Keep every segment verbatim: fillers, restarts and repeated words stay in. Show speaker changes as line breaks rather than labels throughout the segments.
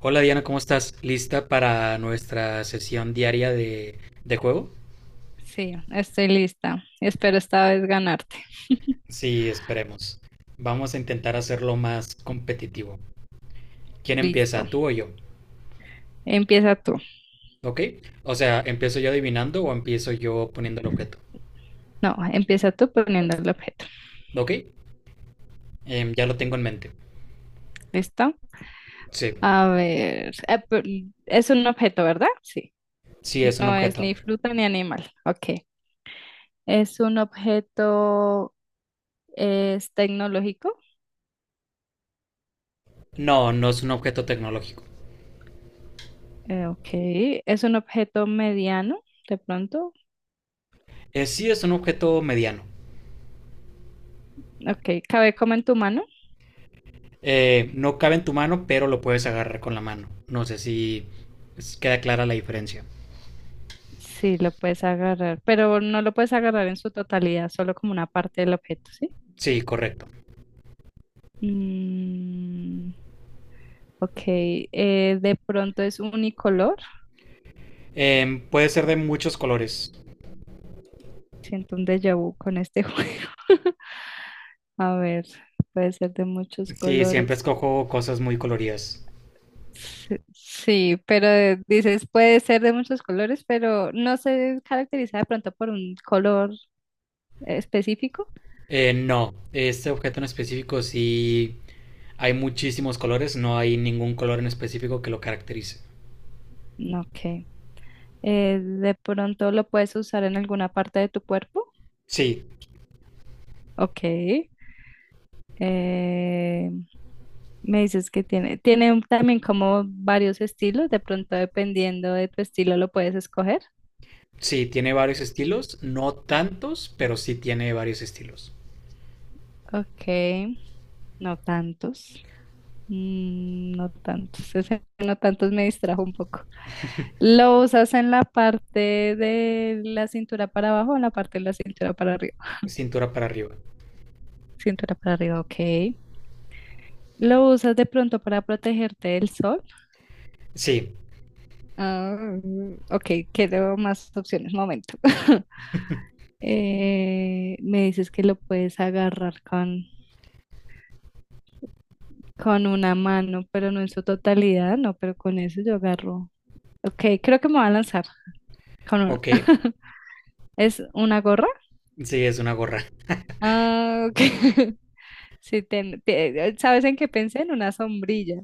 Hola Diana, ¿cómo estás? ¿Lista para nuestra sesión diaria de, de juego?
Sí, estoy lista. Espero esta vez ganarte.
Sí, esperemos. Vamos a intentar hacerlo más competitivo. ¿Quién
Listo.
empieza, tú o yo?
Empieza tú.
¿Ok? O sea, ¿empiezo yo adivinando o empiezo yo poniendo el objeto?
No, empieza tú poniendo el objeto.
¿Ok? Em, ya lo tengo en mente.
¿Listo?
Sí,
A ver. eh, pe- Es un objeto, ¿verdad? Sí.
sí es un
No es
objeto.
ni fruta ni animal. Ok. Es un objeto, es tecnológico.
No, no es un objeto tecnológico.
Eh, ok. Es un objeto mediano, de pronto.
Eh, sí es un objeto mediano.
Ok. Cabe como en tu mano.
Eh, no cabe en tu mano, pero lo puedes agarrar con la mano. No sé si es- queda clara la diferencia.
Sí, lo puedes agarrar, pero no lo puedes agarrar en su totalidad, solo como una parte del objeto, ¿sí?
Sí, correcto.
Mm, ok, eh, de pronto es unicolor.
Eh, puede ser de muchos colores.
Siento un déjà vu con este juego. A ver, puede ser de muchos
Sí, siempre
colores.
escojo cosas muy coloridas.
Sí, sí, pero eh, dices puede ser de muchos colores, pero no se caracteriza de pronto por un color específico.
Eh, no, este objeto en específico sí hay muchísimos colores, no hay ningún color en específico que lo caracterice.
No, Ok. Eh, de pronto lo puedes usar en alguna parte de tu cuerpo.
Sí,
Ok. Eh, me dices que tiene, tiene un- también como varios estilos, de pronto dependiendo de tu estilo lo puedes escoger.
sí, tiene varios estilos, no tantos, pero sí tiene varios estilos.
Ok, no tantos. Mm, no tantos, ese no tantos me distrajo un poco. ¿Lo usas en la parte de la cintura para abajo o en la parte de la cintura para arriba?
Cintura para arriba.
Cintura para arriba, ok. ¿Lo usas de pronto para protegerte del sol?
Sí,
Ah, ok, quiero más opciones, momento. Eh, me dices que lo puedes agarrar con, con una mano, pero no en su totalidad, no, pero con eso yo agarro. Ok, creo que me va a lanzar con uno.
ok,
¿Es una gorra?
sí, es una gorra.
Ah, ok. Sí, ten- te- ¿sabes en qué pensé? En una sombrilla.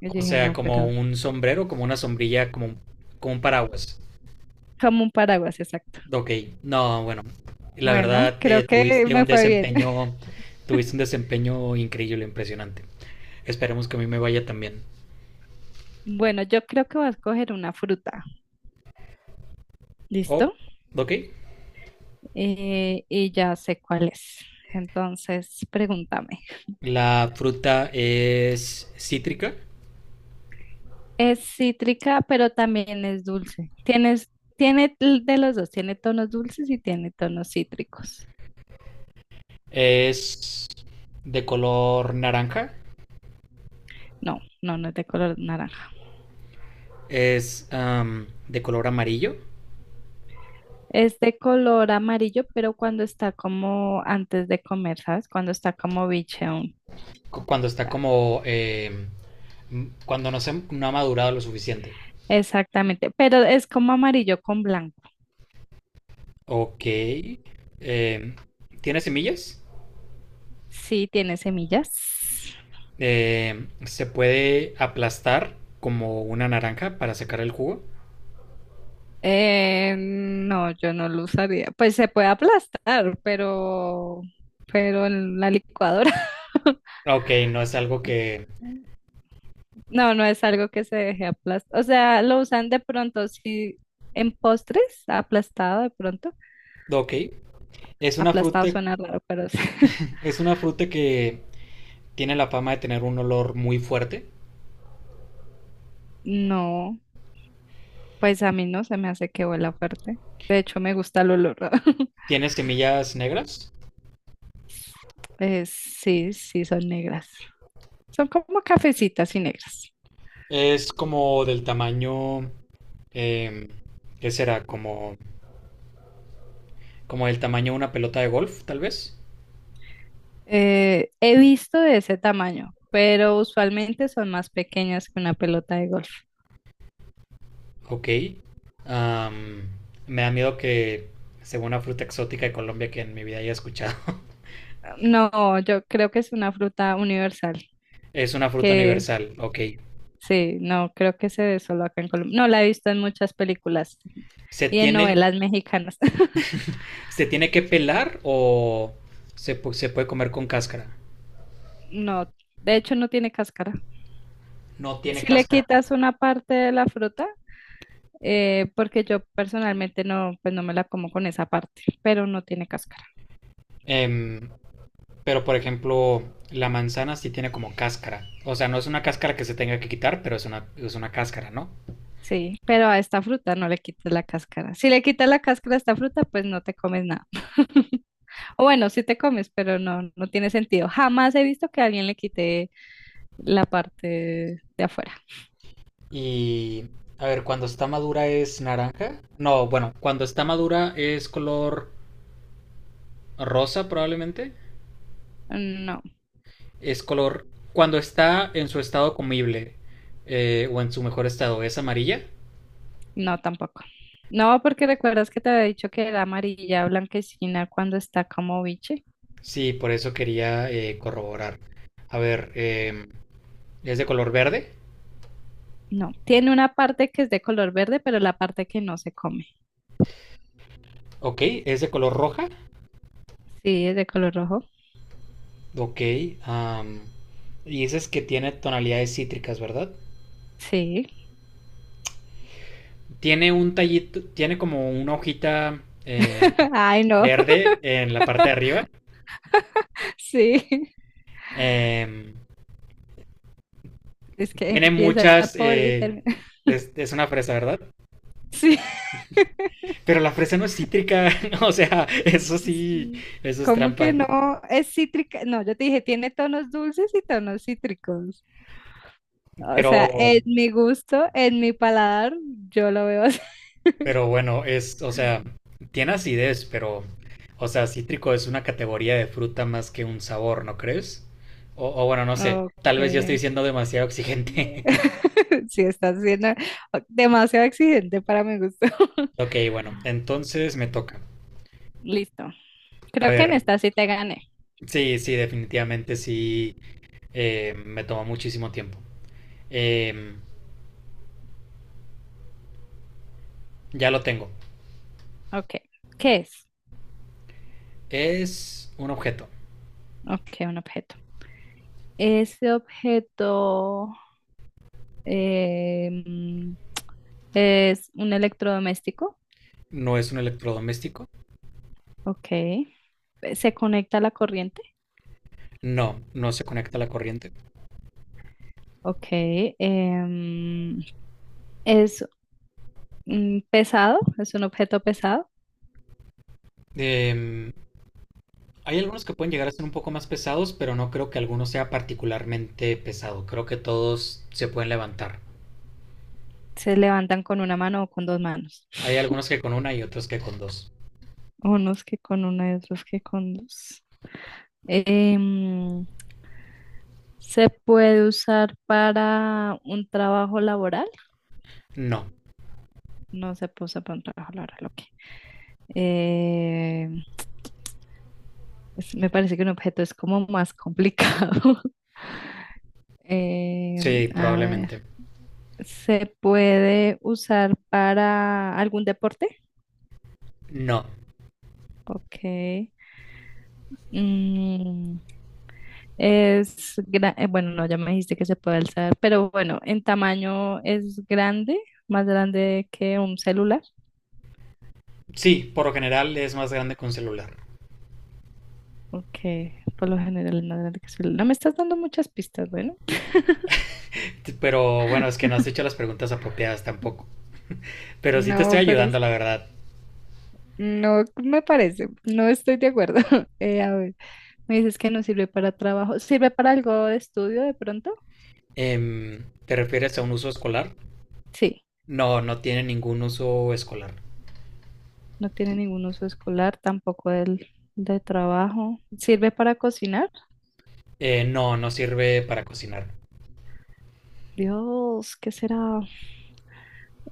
Yo
O
dije,
sea,
no,
como
pero
un sombrero, como una sombrilla, como, como un paraguas.
como un paraguas, exacto.
Ok, no, bueno, la
Bueno,
verdad
creo
eh,
que
tuviste
me
un
fue bien.
desempeño, tuviste un desempeño increíble, impresionante. Esperemos que a mí me vaya también.
Bueno, yo creo que voy a escoger una fruta.
Oh,
¿Listo?
ok,
Eh, y ya sé cuál es. Entonces, pregúntame.
la fruta es cítrica,
Es cítrica, pero también es dulce. Tienes, tiene l- de los dos, tiene tonos dulces y tiene tonos cítricos.
es de color naranja,
No, no, no es de color naranja.
es am, de color amarillo,
Es de color amarillo, pero cuando está como antes de comer, ¿sabes? Cuando está como biche aún.
cu- cuando está como, eh, m- cuando no se no ha madurado lo suficiente.
Exactamente, pero es como amarillo con blanco.
Ok, eh, ¿tiene semillas?
Sí, tiene semillas.
Eh, ¿se puede aplastar como una naranja para sacar el jugo?
Eh, no, yo no lo usaría. Pues se puede aplastar, pero, pero en la licuadora.
Ok, no es algo que...
No, no es algo que se deje aplastar. O sea, lo usan de pronto, sí, en postres, aplastado de pronto.
Ok. Es una
Aplastado
fruta,
suena raro, pero sí.
es una fruta que tiene la fama de tener un olor muy fuerte.
No, pues a mí no se me hace que huela fuerte. De hecho, me gusta el olor.
Tiene semillas negras.
Eh, sí, sí, son negras. Son como cafecitas y negras.
Es como del tamaño... eh, ¿Qué será? Como, como del tamaño de una pelota de golf, tal vez.
Eh, he visto de ese tamaño, pero usualmente son más pequeñas que una pelota de golf.
Ok. Am, Me da miedo que sea una fruta exótica de Colombia que en mi vida haya escuchado.
No, yo creo que es una fruta universal,
Es una fruta
que
universal, ok.
sí, no, creo que se ve solo acá en Colombia. No, la he visto en muchas películas
¿Se
y en
tiene,
novelas mexicanas.
¿Se tiene que pelar o se, pu- se puede comer con cáscara?
No, de hecho no tiene cáscara.
No tiene
Si le
cáscara.
quitas una parte de la fruta, eh, porque yo personalmente no, pues no me la como con esa parte, pero no tiene cáscara.
Em, pero por ejemplo, la manzana sí tiene como cáscara. O sea, no es una cáscara que se tenga que quitar, pero es una, es una cáscara, ¿no?
Sí, pero a esta fruta no le quitas la cáscara. Si le quitas la cáscara a esta fruta, pues no te comes nada. O bueno, sí te comes, pero no, no tiene sentido. Jamás he visto que alguien le quite la parte de afuera.
Y a ver, cuando está madura es naranja. No, bueno, cuando está madura es color rosa probablemente.
No.
Es color... Cuando está en su estado comible eh, o en su mejor estado es amarilla.
No, tampoco. No, porque recuerdas que te había dicho que era amarilla blanquecina cuando está como biche.
Sí, por eso quería eh, corroborar. A ver, em, ¿es de color verde?
No, tiene una parte que es de color verde, pero la parte que no se come.
Ok. ¿Es de color roja?
Sí, es de color rojo.
Ok. am, y dices que tiene tonalidades cítricas, ¿verdad?
Sí.
Tiene un tallito, tiene como una hojita em,
Ay, no.
verde en la parte de arriba.
Sí.
Em,
Es que
Tiene
empieza
muchas...
por y
eh,
termina.
es, es una fresa, ¿verdad?
Sí.
Pero la fresa no es cítrica. O sea, eso sí,
Sí.
eso es
¿Cómo que
trampa.
no? Es cítrica. No, yo te dije, tiene tonos dulces y tonos cítricos. O
Pero...
sea, en mi gusto, en mi paladar, yo lo veo así.
Pero bueno, es, o sea, tiene acidez, pero, o sea, cítrico es una categoría de fruta más que un sabor, ¿no crees? O, o bueno, no sé, tal vez yo estoy
Ok.
siendo demasiado exigente.
Si estás siendo demasiado exigente para mi gusto.
Ok, bueno, entonces me toca.
Listo.
A
Creo que en
ver,
esta sí te gané.
sí, sí, definitivamente sí, eh, me tomó muchísimo tiempo. Em, ya lo tengo.
Ok. ¿Qué es?
Es un objeto.
Ok, un objeto. Ese objeto em, es un electrodoméstico.
No es un electrodoméstico.
Ok. ¿Se conecta a la corriente?
No, no se conecta a la corriente.
Ok. Em, ¿es mm, pesado? ¿Es un objeto pesado?
Em, Hay algunos que pueden llegar a ser un poco más pesados, pero no creo que alguno sea particularmente pesado. Creo que todos se pueden levantar.
¿Se levantan con una mano o con dos manos?
Hay algunos que con una y otros que con dos.
Unos que con una y otros que con dos. Em, ¿se puede usar para un trabajo laboral?
No.
No se puede usar para un trabajo laboral, ok. Em, es- me parece que un objeto es como más complicado. Em,
Sí,
a ver,
probablemente.
¿se puede usar para algún deporte?
No.
Ok. Mm, es gra- eh, bueno, no, ya me dijiste que se puede alzar, pero bueno, en tamaño es grande, más grande que un celular.
Sí, por lo general es más grande que un celular.
Ok, por lo general en Atlántica Sur. No me estás dando muchas pistas, bueno.
Pero bueno, es que no has hecho las preguntas apropiadas tampoco. Pero sí te estoy
No, pero
ayudando,
es-
la verdad.
no me parece, no estoy de acuerdo. Eh, a ver, me dices que no sirve para trabajo, ¿sirve para algo de estudio de pronto?
Em, ¿te refieres a un uso escolar?
Sí,
No, no tiene ningún uso escolar.
no tiene ningún uso escolar, tampoco el de trabajo. ¿Sirve para cocinar?
Eh, no, no sirve para cocinar.
Dios, ¿qué será?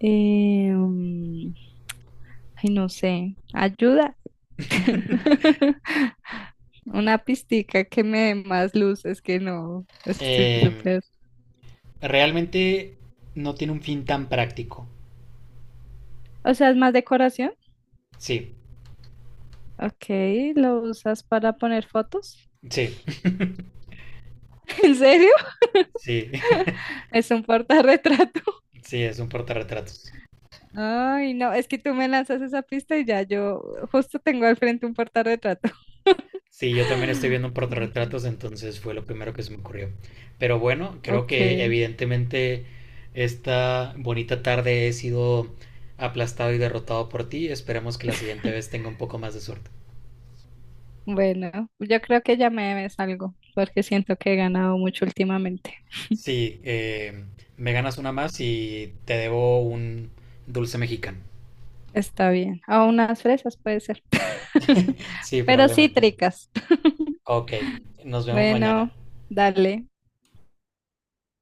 Eh, mm, ay, no sé, ayuda. Una pistica que me dé más luces que no. Estoy
Em,
súper.
Realmente no tiene un fin tan práctico.
O sea, es más decoración.
Sí,
Ok, ¿lo usas para poner fotos?
sí,
¿En serio?
sí,
Es un portarretrato.
sí, es un portarretratos.
Ay, no, es que tú me lanzas esa pista y ya yo justo tengo al frente un portarretrato.
Sí, yo también estoy viendo un portarretratos, entonces fue lo primero que se me ocurrió. Pero bueno, creo
Ok,
que evidentemente esta bonita tarde he sido aplastado y derrotado por ti. Esperemos que la siguiente vez tenga un poco más de suerte.
bueno, yo creo que ya me debes algo porque siento que he ganado mucho últimamente.
Sí, eh, me ganas una más y te debo un dulce mexicano.
Está bien. O unas fresas puede ser.
Sí,
Pero
probablemente.
cítricas.
Ok, nos vemos mañana.
Bueno, dale.